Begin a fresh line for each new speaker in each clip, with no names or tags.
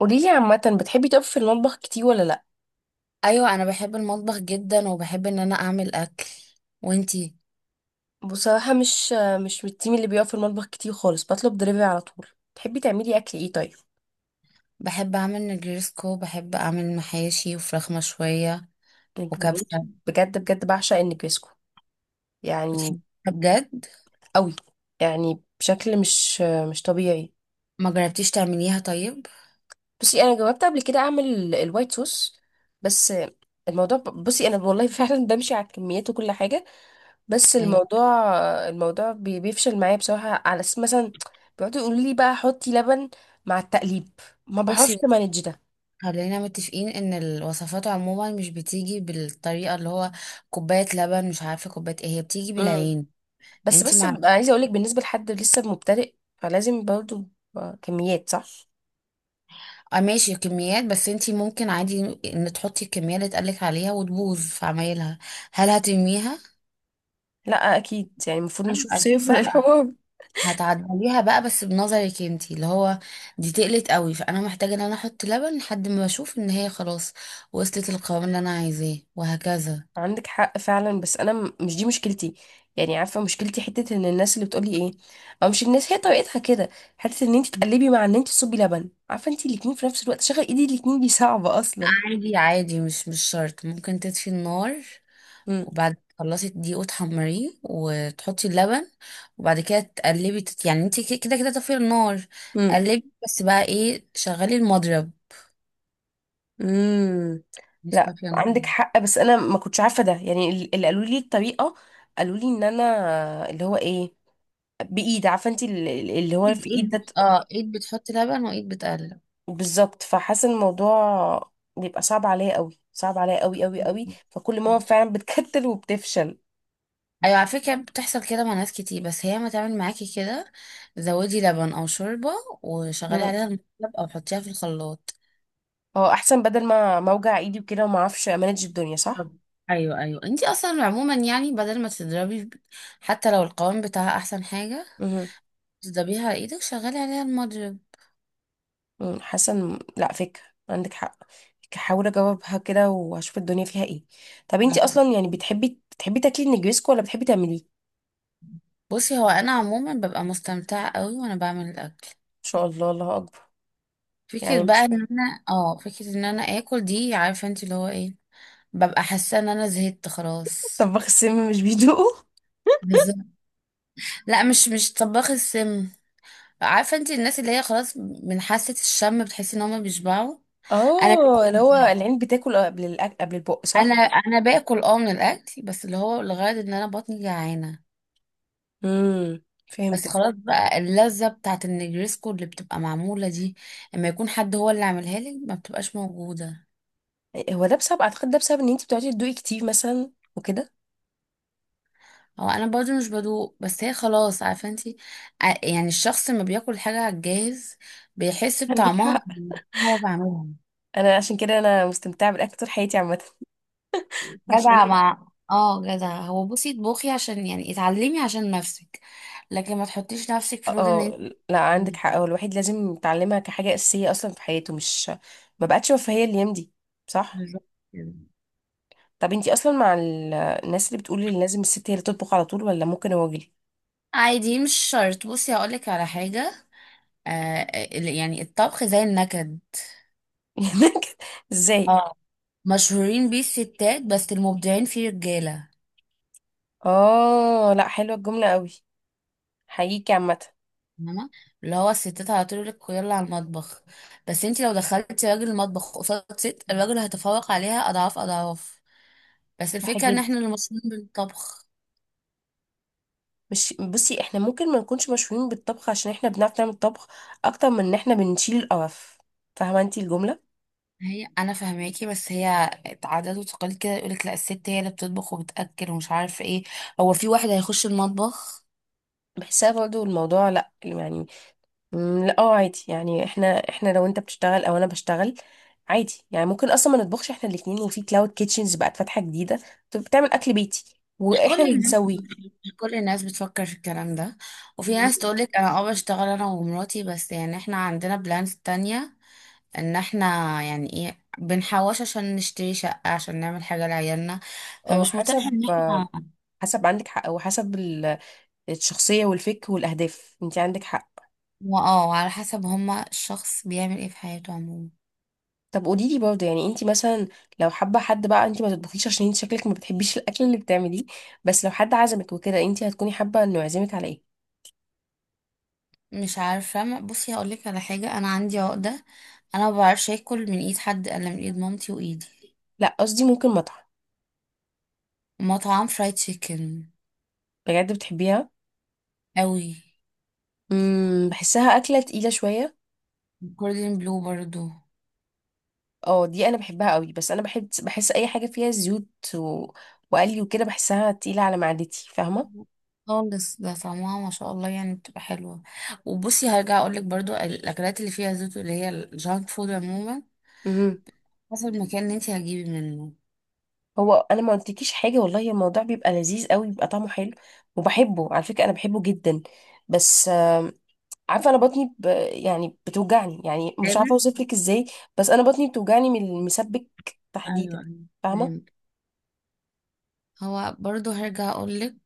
قوليلي عامة بتحبي تقفي في المطبخ كتير ولا لأ؟
ايوه، انا بحب المطبخ جدا وبحب ان انا اعمل اكل. وانتي؟
بصراحة مش من التيم اللي بيقف في المطبخ كتير خالص، بطلب دليفري على طول. تحبي تعملي أكل ايه طيب؟
بحب اعمل نجرسكو. بحب اعمل محاشي وفراخ مشويه
يعني بموت،
وكبسه.
بجد بجد بعشق النجريسكو، يعني
بتحبيها؟ بجد؟
قوي، يعني بشكل مش طبيعي.
ما جربتيش تعمليها طيب؟
بصي أنا جربت قبل كده أعمل الوايت صوص، بس الموضوع بصي أنا والله فعلا بمشي على الكميات وكل حاجة. بس
ايوه.
الموضوع بيفشل معايا بصراحة، على اساس مثلا بيقعدوا يقولوا لي بقى حطي لبن مع التقليب، ما
بصي
بعرفش
بصي،
مانج ده.
خلينا متفقين ان الوصفات عموما مش بتيجي بالطريقه اللي هو. كوبايه لبن، مش عارفه كوبايه ايه. هي بتيجي
امم
بالعين.
بس
انتي
بس
مع
ببقى عايزة اقولك بالنسبة لحد لسه مبتدئ، فلازم برضه كميات صح.
اه، ماشي كميات. بس انتي ممكن عادي ان تحطي الكميه اللي اتقالك عليها وتبوظ في عمايلها. هل هترميها؟
لا اكيد، يعني المفروض
أيوة،
نشوف
أكيد
صيغة
لأ.
للحوار.
هتعدليها بقى، بس بنظرك انتي اللي هو دي تقلت قوي، فانا محتاجه ان انا احط لبن لحد ما اشوف ان هي خلاص وصلت القوام اللي انا عايزاه، وهكذا.
عندك حق فعلا، بس انا مش دي مشكلتي. يعني عارفة مشكلتي حتة ان الناس اللي بتقولي ايه، او مش الناس هي طريقتها كده. حتة ان انت تقلبي مع ان انت تصبي لبن، عارفة انت الاتنين في نفس الوقت شغل ايدي الاتنين دي صعبة اصلا.
عادي عادي، مش شرط. ممكن تطفي النار، وبعد ما تخلصي الدقيق وتحمريه وتحطي اللبن، وبعد كده تقلبي يعني انتي كده كده كده طافيه النار.
امم
قلبي بس. بقى ايه؟ شغلي المضرب،
امم
مش
لا
طافيه النار.
عندك حق، بس انا ما كنتش عارفه ده، يعني اللي قالوا لي الطريقه قالوا لي ان انا اللي هو ايه، بايد، عارفه انت اللي هو
ايد
في ايد
ايد
ده
بت- اه ايد بتحطي لبن وايد بتقلب.
بالظبط. فحاسه إن الموضوع بيبقى صعب عليا قوي، صعب عليا قوي قوي قوي، فكل ماما فعلا بتكتل وبتفشل.
ايوه، على فكره بتحصل كده مع ناس كتير، بس هي ما تعمل معاكي كده. زودي لبن او شوربه وشغلي
امم
عليها المقلب، او حطيها في الخلاط.
هو احسن بدل ما اوجع ايدي وكده وما اعرفش امانج الدنيا، صح.
طب. ايوه ايوه، انتي اصلا عموما يعني بدل ما تضربي، حتى لو القوام بتاعها، احسن حاجه
امم
تضربيها على ايدك، شغلي عليها المضرب.
مم، حاسه لا، فكره، عندك حق. هحاول اجاوبها كده واشوف الدنيا فيها ايه. طب انتي
هتبقى-
اصلا يعني بتحبي تاكلي النجريسكو ولا بتحبي تعمليه؟ ان
بصي، هو انا عموما ببقى مستمتعه قوي وانا بعمل الاكل.
شاء الله، الله اكبر. يعني مش
فكره ان انا اكل دي، عارفه انت اللي هو ايه؟ ببقى حاسه ان انا زهقت خلاص.
طباخ السم مش بيدوقه.
بالظبط. لا، مش طباخ السم. عارفه انت الناس اللي هي خلاص من حاسه الشم بتحسي ان هم بيشبعوا. انا
اه اللي هو العين بتاكل قبل الأك... قبل البق، صح.
انا باكل من الاكل، بس اللي هو لغايه ان انا بطني جعانه. بس
فهمتك.
خلاص بقى، اللذه بتاعت النجريسكو اللي بتبقى معموله دي اما يكون حد هو اللي عاملها لي ما بتبقاش موجوده.
هو ده بسبب، اعتقد ده بسبب ان انتي بتقعدي تدوقي كتير مثلا وكده.
هو انا برضو مش بدوق، بس هي خلاص، عارفه انت، يعني الشخص لما بياكل حاجه على الجاهز بيحس
عندك
بطعمها
حق.
هو بعملها.
انا عشان كده انا مستمتعه بالاكل طول حياتي عامه. عشان
جدع مع اه جدع. هو بصي اطبخي عشان يعني اتعلمي عشان نفسك، لكن ما تحطيش نفسك في رود ان
اه،
انت.
لا عندك حق، هو الواحد لازم يتعلمها كحاجة أساسية أصلا في حياته، مش، ما بقتش رفاهية الأيام دي، صح.
بالظبط كده.
طب انتي أصلا مع الناس اللي بتقول ان لازم الست هي اللي تطبخ على طول، ولا ممكن الراجل؟
عادي، مش شرط. بصي هقولك على حاجة. آه يعني الطبخ زي النكد.
ازاي؟
اه، مشهورين بيه الستات بس المبدعين فيه رجالة.
اه لا حلوة الجملة قوي، حقيقي عامة.
فاهمة؟ اللي هو الستات على طول يقولك يلا على المطبخ، بس انت لو دخلتي راجل المطبخ قصاد ست، الراجل هيتفوق عليها اضعاف اضعاف. بس
صح
الفكرة ان
جدا.
احنا اللي مشهورين بالطبخ.
مش بصي احنا ممكن ما نكونش مشهورين بالطبخ عشان احنا بنعرف نعمل طبخ اكتر من ان احنا بنشيل القرف، فاهمة انتي الجملة؟
هي انا فهماكي، بس هي عادات وتقاليد كده. يقولك لا، الست هي اللي بتطبخ وبتاكل ومش عارف ايه. هو في واحد هيخش المطبخ؟
بحسها برضو الموضوع لا يعني، مم، لا اه عادي. يعني احنا لو انت بتشتغل او انا بشتغل، عادي يعني ممكن اصلا ما نطبخش احنا الاتنين، وفي كلاود كيتشنز بقت فاتحه جديده، طب بتعمل اكل بيتي
مش كل
واحنا اللي
الناس
نسويه.
مش كل الناس بتفكر في الكلام ده. وفي ناس
مم.
تقولك انا بشتغل انا ومراتي، بس يعني احنا عندنا بلانز تانية ان احنا يعني ايه بنحوش عشان نشتري شقة، عشان نعمل حاجة لعيالنا.
اه
فمش متاح
حسب،
ان
آه،
احنا.
حسب، عندك حق، وحسب الشخصيه والفك والاهداف، انت عندك حق.
اه على حسب. هما الشخص بيعمل ايه في حياته عموما.
طب قولي لي برضه، يعني انت مثلا لو حابه، حد بقى انت ما تطبخيش عشان انت شكلك ما بتحبيش الاكل اللي بتعمليه، بس لو حد عزمك وكده انت هتكوني حابه انه يعزمك على ايه؟
مش عارفة. بصي هقولك على حاجة، أنا عندي عقدة. أنا ما بعرفش آكل من إيد حد إلا من إيد مامتي وإيدي.
لا قصدي ممكن مطعم.
مطعم فرايد تشيكن.
بجد بتحبيها؟
أوي.
امم، بحسها اكله تقيله شويه.
جوردن بلو برضو.
اه دي انا بحبها قوي، بس انا بحب، بحس اي حاجه فيها زيوت و... وقلي وكده بحسها تقيله على معدتي، فاهمه.
خالص، ده طعمها ما شاء الله، يعني بتبقى حلوة. وبصي هرجع أقولك برضو، الأكلات اللي فيها زيوت اللي هي الجانك فود عموما،
امم.
حسب المكان اللي انتي هتجيبي منه.
هو انا ما قلتلكيش حاجه، والله الموضوع بيبقى لذيذ قوي، بيبقى طعمه حلو، وبحبه على فكره، انا بحبه جدا، بس آم، عارفه انا بطني ب... يعني بتوجعني، يعني مش عارفه
فاهمة؟
اوصف لك ازاي، بس انا بطني بتوجعني من المسبك
أيوة
تحديدا،
أيوة،
فاهمه.
فهمت. هو برضو هرجع أقولك،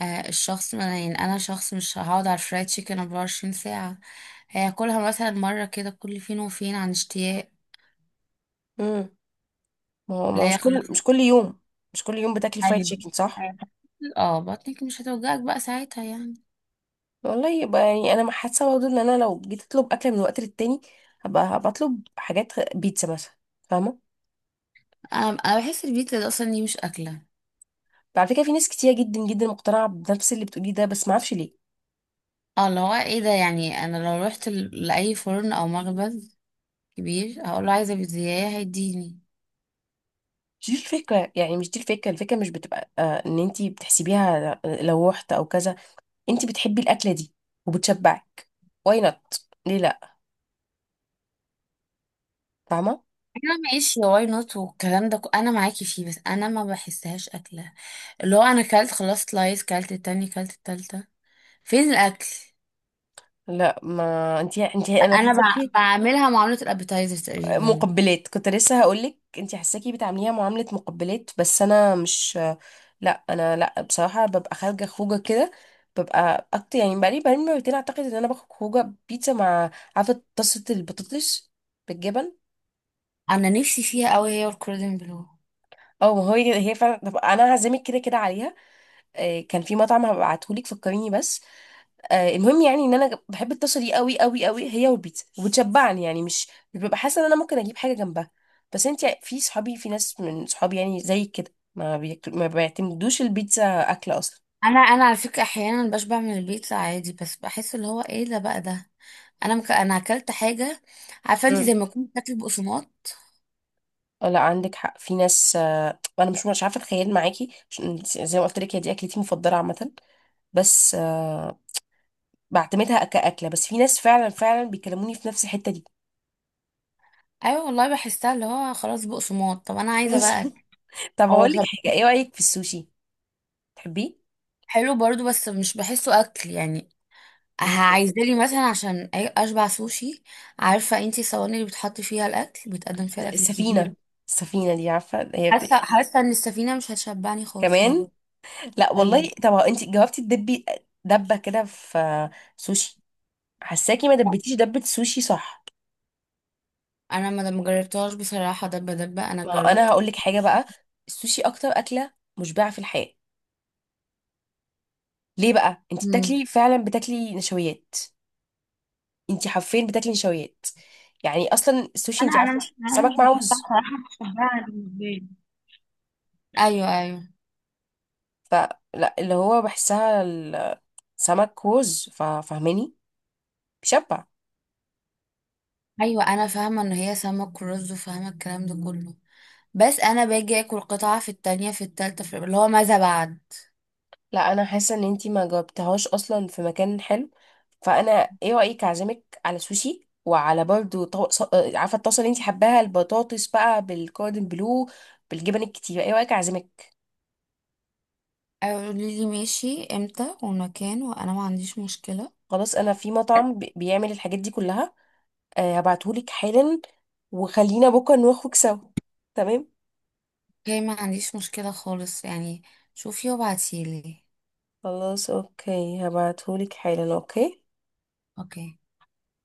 الشخص ما أنا- يعني انا شخص مش هقعد على الفرايد تشيكن 24 ساعة. هياكلها مثلا مرة كده، كل فين وفين، عن اشتياق.
امم. ما هو ما هو
لا يا
مش
خلاص.
كل مش كل يوم، مش كل يوم بتاكلي فرايد
ايوه.
تشيكن، صح.
أيوة. اه، بطنك مش هتوجعك بقى ساعتها يعني.
والله يبقى يعني انا حاسه برضه ان انا لو جيت اطلب اكل من وقت للتاني، هبقى اطلب حاجات بيتزا مثلا، فاهمه.
انا بحس البيتزا ده اصلا دي مش اكلة.
على فكره في ناس كتير جدا جدا مقتنعه بنفس اللي بتقوليه ده، بس ما اعرفش ليه.
اه، اللي هو ايه ده، يعني انا لو رحت لاي فرن او مخبز كبير، هقول له عايزة بيتزاية، هيديني.
مش دي الفكره، يعني مش دي الفكره، الفكره مش بتبقى آه ان انتي بتحسبيها لو رحت او كذا، انتي بتحبي الاكله دي وبتشبعك، واي نوت ليه لا، فاهمه.
انا ماشي واي نوت والكلام ده، انا معاكي فيه، بس انا ما بحسهاش اكله. اللي هو انا كلت خلاص سلايس، كلت التاني، كلت التالتة، فين الاكل؟
لا ما انتي انا
انا
حاسه،
بعملها معاملة الابيتايزر تقريبا.
مقبلات، كنت لسه هقولك انتي حاساكي بتعامليها معاملة مقبلات، بس انا مش، لا انا لا بصراحة ببقى خارجة خروجة كده، ببقى اكتر، يعني بقالي مرتين اعتقد ان انا باخد خروجة بيتزا مع، عارفة طاسة البطاطس بالجبن؟
انا نفسي فيها قوي، هي والكوردن بلو.
اه ما هو هي فعلا، طب انا هعزمك كده كده عليها. آه، كان في مطعم هبعتهولك، فكريني بس. آه، المهم يعني ان انا بحب الطاسه دي قوي قوي قوي، هي والبيتزا، وبتشبعني، يعني مش ببقى حاسه ان انا ممكن اجيب حاجه جنبها. بس انت في صحابي، في ناس من صحابي يعني زي كده ما ما بيعتمدوش البيتزا اكل اصلا.
انا على فكره احيانا بشبع من البيتزا عادي، بس بحس اللي هو ايه ده بقى، ده انا انا اكلت حاجه، عارفه انت، زي
مم.
ما كنت بتاكل بقسماط.
آه، لا عندك حق، في ناس آه، انا مش عارفه اتخيل معاكي، عشان زي ما قلت لك هي دي اكلتي المفضله عامه، بس آه، بعتمدها كاكله، بس في ناس فعلا فعلا بيكلموني في نفس الحته دي.
ايوه والله، بحسها اللي هو خلاص بقسماط، طب انا عايزه بقى أكل.
طب
هو
هقول لك
شب-
حاجه، ايه رايك في السوشي، تحبيه؟
حلو برضو، بس مش بحسه اكل يعني. عايزه
مم.
لي مثلا عشان اشبع سوشي، عارفه انت الصواني اللي بتحط فيها الاكل، بيتقدم فيها الاكل الكبير.
السفينة، السفينة دي عارفة هي بت...
حاسه ان السفينه مش هتشبعني خالص برضه.
كمان. لا
ايوه.
والله طب انت جاوبتي، تدبي دبة كده في سوشي، حساكي ما
لا،
دبتيش دبة سوشي صح؟
انا ما جربتهاش بصراحه. دبه دبه، انا
ما هو انا
جربت.
هقول لك حاجة بقى، السوشي اكتر أكلة مشبعة في الحياة. ليه بقى انت
امم.
بتاكلي، فعلا بتاكلي نشويات، انت حرفيا بتاكلي نشويات، يعني اصلا السوشي
انا
انت
انا
عارفة
مش انا
سمك
مش
مع
بحسها
رز،
صراحه، مش بحبها بالنسبه لي. ايوه ايوه.
فلا اللي هو بحسها السمك رز، ففاهماني، بيشبع.
ايوه انا فاهمه ان هي سمك ورز وفاهمه الكلام ده كله، بس انا باجي اكل قطعه، في التانية، في التالتة، في اللي هو ماذا بعد.
لا انا حاسه ان انتي ما جاوبتهاش اصلا في مكان حلو، فانا ايه رايك اعزمك على سوشي وعلى برضو طو... آه، عارفه الطاسه اللي انتي حباها البطاطس بقى بالكوردن بلو بالجبن الكتير، ايه رايك اعزمك؟
قولي لي ماشي امتى والمكان، وانا ما عنديش مشكله.
خلاص انا في مطعم بيعمل الحاجات دي كلها، أه هبعتهولك حالا، وخلينا بكره نخرج سوا، تمام؟
اوكي، ما عنديش مشكله خالص يعني. شوفي وابعتيلي.
خلاص اوكي، هبعتهولك حالا. اوكي.
اوكي.